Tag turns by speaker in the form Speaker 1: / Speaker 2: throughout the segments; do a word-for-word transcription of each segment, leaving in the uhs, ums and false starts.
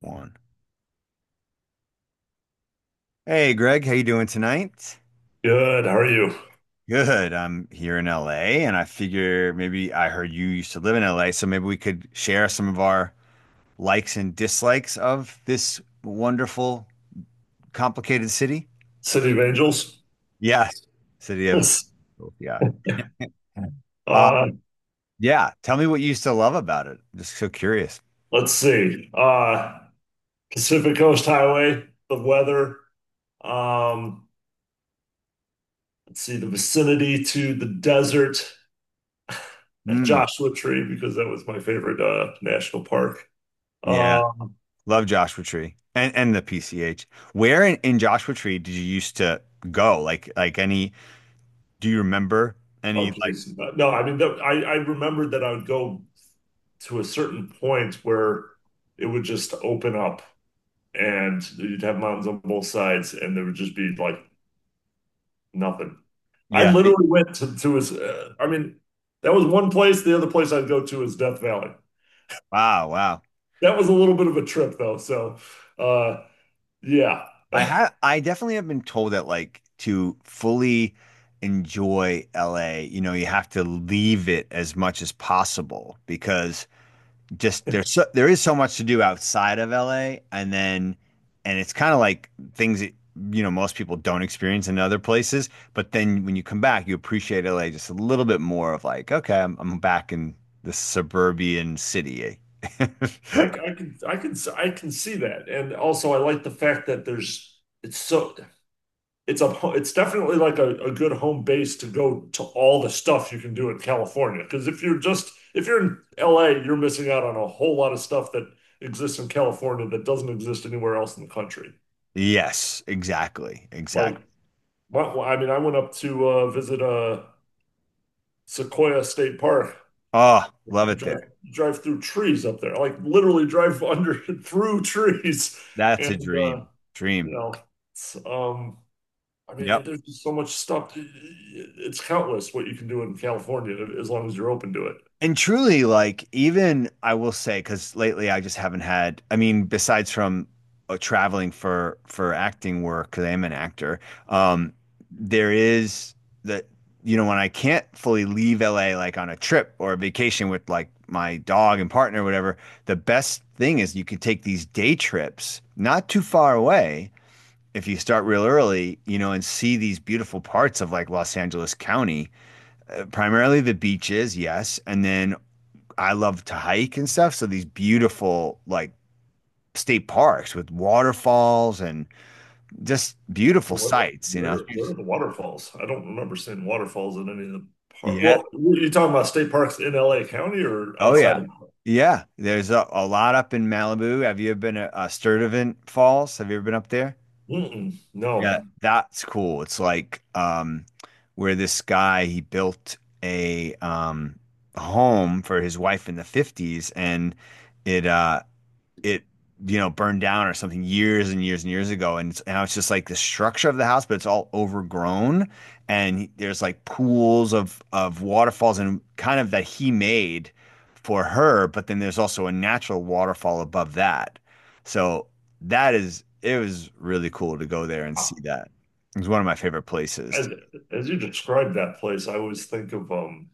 Speaker 1: One. Hey Greg, how you doing tonight?
Speaker 2: Good. How are you?
Speaker 1: Good. I'm here in L A and I figure maybe I heard you used to live in L A, so maybe we could share some of our likes and dislikes of this wonderful, complicated city.
Speaker 2: City of Angels?
Speaker 1: Yes. City of yeah. Um,
Speaker 2: Uh,
Speaker 1: yeah. Tell me what you used to love about it. Just so curious.
Speaker 2: let's see. Uh, Pacific Coast Highway, the weather. Um, let's see, the vicinity to the desert at
Speaker 1: Mm,
Speaker 2: Joshua Tree, because that was my favorite uh, national park.
Speaker 1: yeah.
Speaker 2: Um,
Speaker 1: Love Joshua Tree and and the P C H. Where in, in Joshua Tree did you used to go? Like like any, do you remember
Speaker 2: oh,
Speaker 1: any like.
Speaker 2: geez. No, I mean, that, I, I remembered that I would go to a certain point where it would just open up and you'd have mountains on both sides and there would just be like nothing. I
Speaker 1: Yeah. It-
Speaker 2: literally went to, to his, uh, I mean, that was one place. The other place I'd go to is Death Valley.
Speaker 1: wow, wow.
Speaker 2: That was a little bit of a trip though. So, uh, yeah.
Speaker 1: I ha I definitely have been told that, like, to fully enjoy L A, you know, you have to leave it as much as possible because just there's so, there is so much to do outside of L A, and then and it's kind of like things that, you know, most people don't experience in other places, but then when you come back, you appreciate L A just a little bit more of like, okay, I'm I'm back in the suburban city.
Speaker 2: I I can, I can, I can see that. And also I like the fact that there's, it's so, it's a, it's definitely like a, a good home base to go to all the stuff you can do in California. Because if you're just, if you're in L A, you're missing out on a whole lot of stuff that exists in California that doesn't exist anywhere else in the country.
Speaker 1: Yes, exactly.
Speaker 2: Like,
Speaker 1: Exactly.
Speaker 2: Well, well, I mean, I went up to uh, visit uh, Sequoia State Park.
Speaker 1: Oh, love
Speaker 2: You
Speaker 1: it
Speaker 2: drive,
Speaker 1: there.
Speaker 2: you drive through trees up there, like literally drive under through trees,
Speaker 1: That's a
Speaker 2: and uh,
Speaker 1: dream. Dream.
Speaker 2: you know, it's, um, I mean,
Speaker 1: Yep.
Speaker 2: there's just so much stuff. It's countless what you can do in California as long as you're open to it.
Speaker 1: And truly, like, even I will say, because lately I just haven't had, I mean, besides from uh, traveling for for acting work, because I am an actor, um, there is that, you know, when I can't fully leave L A like on a trip or a vacation with like my dog and partner or whatever, the best thing is you could take these day trips not too far away if you start real early, you know, and see these beautiful parts of like Los Angeles County, uh, primarily the beaches, yes, and then I love to hike and stuff, so these beautiful like state parks with waterfalls and just beautiful
Speaker 2: Well, what?
Speaker 1: sights, you know.
Speaker 2: Where? Where are the waterfalls? I don't remember seeing waterfalls in any of the park.
Speaker 1: Yeah.
Speaker 2: Well, you talking about state parks in L A County or
Speaker 1: Oh
Speaker 2: outside?
Speaker 1: yeah.
Speaker 2: of-
Speaker 1: Yeah, there's a, a lot up in Malibu. Have you ever been to uh, Sturtevant Falls? Have you ever been up there?
Speaker 2: Mm-mm,
Speaker 1: Yeah,
Speaker 2: no.
Speaker 1: that's cool. It's like, um where this guy, he built a, um home for his wife in the fifties, and it uh it you know, burned down or something years and years and years ago, and it's- now it's just like the structure of the house, but it's all overgrown, and there's like pools of of waterfalls and kind of that he made for her, but then there's also a natural waterfall above that. So that is, it was really cool to go there and see that. It was one of my favorite places.
Speaker 2: As, as you describe that place, I always think of um,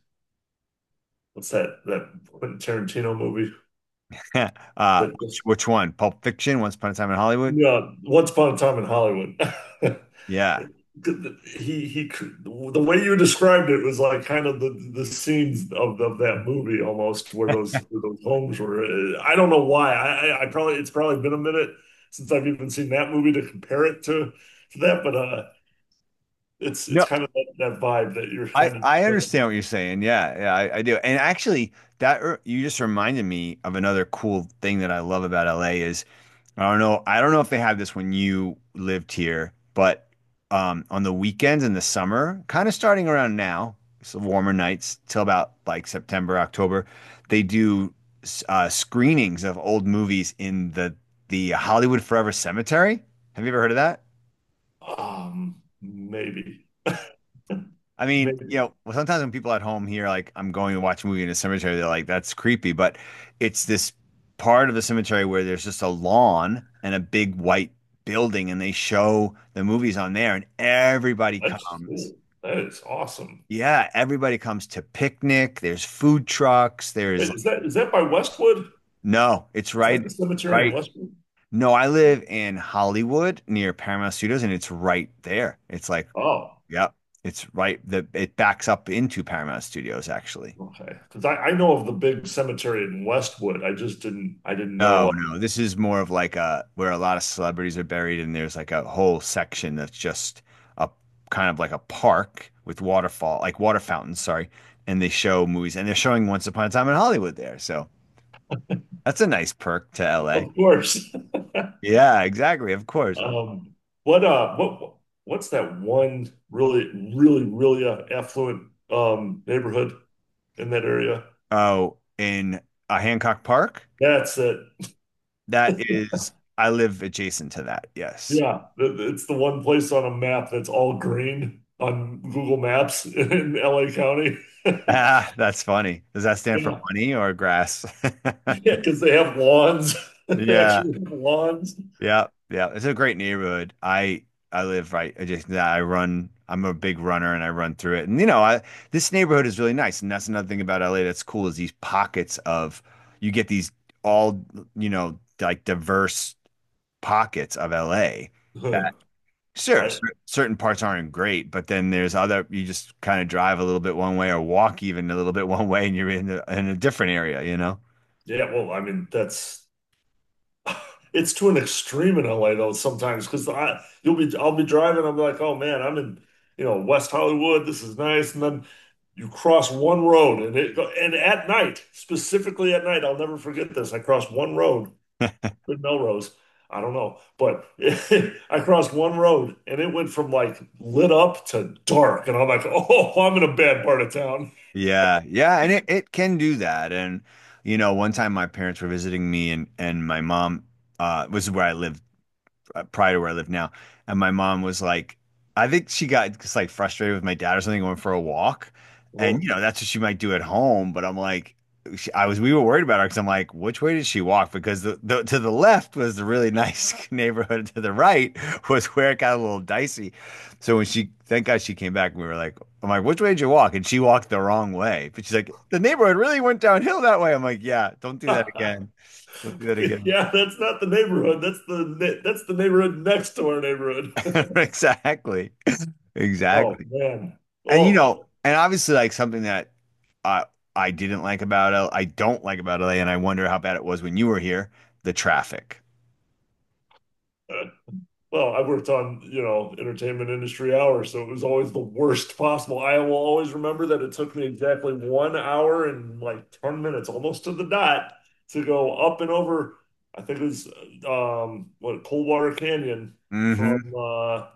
Speaker 2: what's that that Quentin Tarantino movie
Speaker 1: Uh,
Speaker 2: that
Speaker 1: which,
Speaker 2: just
Speaker 1: which one? Pulp Fiction? Once Upon a Time in Hollywood?
Speaker 2: yeah, Once Upon a Time in Hollywood.
Speaker 1: Yeah.
Speaker 2: He he, the way you described it was like kind of the the scenes of of that movie almost where those where those homes were. Uh, I don't know why. I I I probably it's probably been a minute since I've even seen that movie to compare it to to that, but uh, it's it's
Speaker 1: No,
Speaker 2: kind of that, that vibe that you're
Speaker 1: I
Speaker 2: kind of
Speaker 1: I
Speaker 2: describing.
Speaker 1: understand what you're saying. Yeah, yeah, I, I do. And actually, that r- you just reminded me of another cool thing that I love about L A is, I don't know I don't know if they have this when you lived here, but um, on the weekends in the summer, kind of starting around now, so warmer nights till about like September, October, they do s- uh, screenings of old movies in the the Hollywood Forever Cemetery. Have you ever heard of that?
Speaker 2: Um, maybe.
Speaker 1: I mean, you
Speaker 2: Maybe
Speaker 1: know, well, sometimes when people at home hear like I'm going to watch a movie in a cemetery, they're like, "That's creepy." But it's this part of the cemetery where there's just a lawn and a big white building, and they show the movies on there, and everybody
Speaker 2: that's
Speaker 1: comes.
Speaker 2: cool. That is awesome.
Speaker 1: Yeah, everybody comes to picnic. There's food trucks. There's
Speaker 2: Wait, is
Speaker 1: like,
Speaker 2: that is that by Westwood?
Speaker 1: no, it's
Speaker 2: Is that
Speaker 1: right,
Speaker 2: the cemetery in
Speaker 1: right.
Speaker 2: Westwood?
Speaker 1: No, I live in Hollywood near Paramount Studios, and it's right there. It's like,
Speaker 2: Oh,
Speaker 1: yep, it's right. The It backs up into Paramount Studios actually.
Speaker 2: okay. Because I, I know of the big cemetery in Westwood. I just didn't I didn't
Speaker 1: No,
Speaker 2: know. uh,
Speaker 1: no. This is more of like a, where a lot of celebrities are buried, and there's like a whole section that's just a, kind of like a park with waterfall, like water fountains, sorry. And they show movies, and they're showing Once Upon a Time in Hollywood there. So that's a nice perk to L A.
Speaker 2: Of course.
Speaker 1: Yeah, exactly. Of course.
Speaker 2: Um, what uh what what's that one really really really uh, affluent um neighborhood in that area?
Speaker 1: Oh, in uh, Hancock Park?
Speaker 2: That's it.
Speaker 1: That is, I live adjacent to that. Yes.
Speaker 2: Yeah, th- th- it's the one place on a map that's all green on Google Maps in L A County.
Speaker 1: Ah, that's funny. Does that stand for
Speaker 2: Yeah.
Speaker 1: money or grass?
Speaker 2: Yeah, because they have lawns. They
Speaker 1: Yeah.
Speaker 2: actually have lawns.
Speaker 1: Yeah, yeah. It's a great neighborhood. I I live right adjacent to that. I run. I'm a big runner and I run through it. And you know, I, this neighborhood is really nice. And that's another thing about L A that's cool, is these pockets of, you get these all, you know, like diverse pockets of L A that,
Speaker 2: Huh.
Speaker 1: sure,
Speaker 2: I
Speaker 1: cer- certain parts aren't great, but then there's other, you just kind of drive a little bit one way or walk even a little bit one way and you're in a, in a different area, you know?
Speaker 2: yeah, well, I mean that's it's to an extreme in L A though sometimes because I you'll be I'll be driving, I'm like, oh man, I'm in you know West Hollywood, this is nice, and then you cross one road and it and at night, specifically at night, I'll never forget this. I crossed one road in Melrose. I don't know, but I crossed one road and it went from like lit up to dark, and I'm like, oh, I'm in a bad part of town.
Speaker 1: Yeah, yeah, and it, it can do that. And you know, one time my parents were visiting me, and and my mom uh was where I lived, uh, prior to where I live now. And my mom was like, I think she got just like frustrated with my dad or something, went for a walk. And, you
Speaker 2: Oh.
Speaker 1: know, that's what she might do at home. But I'm like, she, I was, we were worried about her because I'm like, which way did she walk? Because the, the to the left was the really nice neighborhood, to the right was where it got a little dicey. So when she, thank God she came back, and we were like, I'm like, which way did you walk? And she walked the wrong way. But she's like, the neighborhood really went downhill that way. I'm like, yeah, don't do that again. Don't do that again.
Speaker 2: Yeah, that's not the neighborhood. That's the ne- that's the neighborhood next to our neighborhood.
Speaker 1: Exactly.
Speaker 2: Oh
Speaker 1: Exactly.
Speaker 2: man.
Speaker 1: And you
Speaker 2: Well,
Speaker 1: know, and obviously, like, something that I I didn't like about L I don't like about L A, and I wonder how bad it was when you were here, the traffic.
Speaker 2: uh, well, I worked on, you know, entertainment industry hours, so it was always the worst possible. I will always remember that it took me exactly one hour and like ten minutes, almost to the dot, to go up and over. I think it was um what, Coldwater Canyon, from
Speaker 1: Hmm.
Speaker 2: uh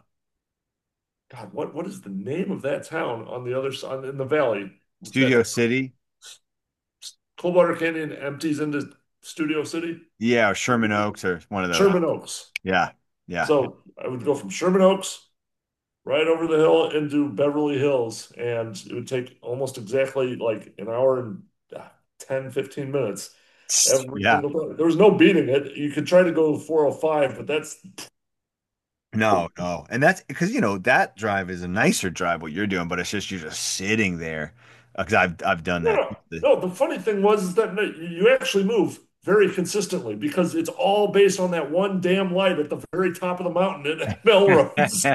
Speaker 2: God, what what is the name of that town on the other side in the valley? That
Speaker 1: Studio City.
Speaker 2: Cold Canyon empties into Studio City,
Speaker 1: Yeah, or Sherman Oaks or one of those.
Speaker 2: Sherman Oaks.
Speaker 1: Yeah. Yeah.
Speaker 2: So I would go from Sherman Oaks right over the hill into Beverly Hills, and it would take almost exactly like an hour and ah, ten fifteen minutes every
Speaker 1: Yeah.
Speaker 2: single time. There was no beating it. You could try to go four zero five, but that's
Speaker 1: No, no. And that's because, you know, that drive is a nicer drive what you're doing, but it's just, you're just sitting there. Because I've I've done
Speaker 2: no,
Speaker 1: that.
Speaker 2: no. No, the funny thing was is that, no, you actually move very consistently because it's all based on that one damn light at the very top of the mountain at Melrose.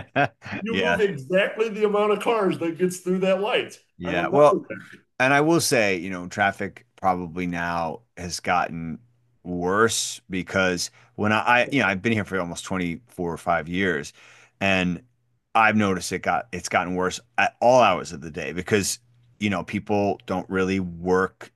Speaker 2: You
Speaker 1: Yeah.
Speaker 2: move exactly the amount of cars that gets through that light. I
Speaker 1: Yeah.
Speaker 2: remember
Speaker 1: Well,
Speaker 2: that.
Speaker 1: and I will say, you know, traffic probably now has gotten worse, because when I, I, you know, I've been here for almost twenty-four or five years, and I've noticed it got, it's gotten worse at all hours of the day, because, you know, people don't really work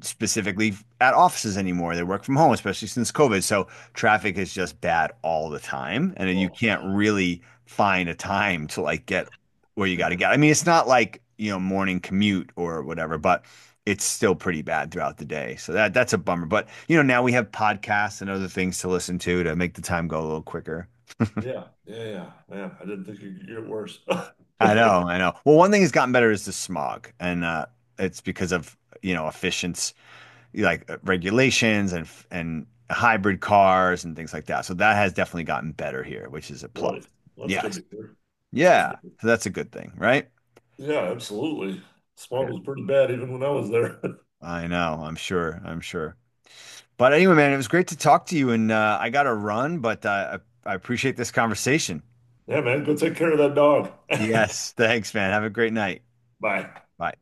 Speaker 1: specifically at offices anymore. They work from home, especially since COVID. So traffic is just bad all the time. And you
Speaker 2: Oh,
Speaker 1: can't really find a time to like get where you got to get. I mean, it's not like, you know, morning commute or whatever, but it's still pretty bad throughout the day. So that that's a bummer. But, you know, now we have podcasts and other things to listen to to make the time go a little quicker.
Speaker 2: yeah, yeah, yeah, man. I didn't think it could get worse.
Speaker 1: I know, I know. Well, one thing that's gotten better is the smog. And uh it's because of, you know, efficient, like, uh, regulations and and hybrid cars and things like that. So that has definitely gotten better here, which is a plus.
Speaker 2: Really? Well, that's good
Speaker 1: Yes.
Speaker 2: to hear. That's good.
Speaker 1: Yeah. So that's a good thing, right?
Speaker 2: Yeah, absolutely. Smog
Speaker 1: Yeah.
Speaker 2: was pretty bad even when I was there.
Speaker 1: I know. I'm sure. I'm sure. But anyway, man, it was great to talk to you, and uh, I got to run, but uh, I, I appreciate this conversation.
Speaker 2: Yeah, man, go take care of that dog.
Speaker 1: Yes. Thanks, man. Have a great night.
Speaker 2: Bye.
Speaker 1: Bye.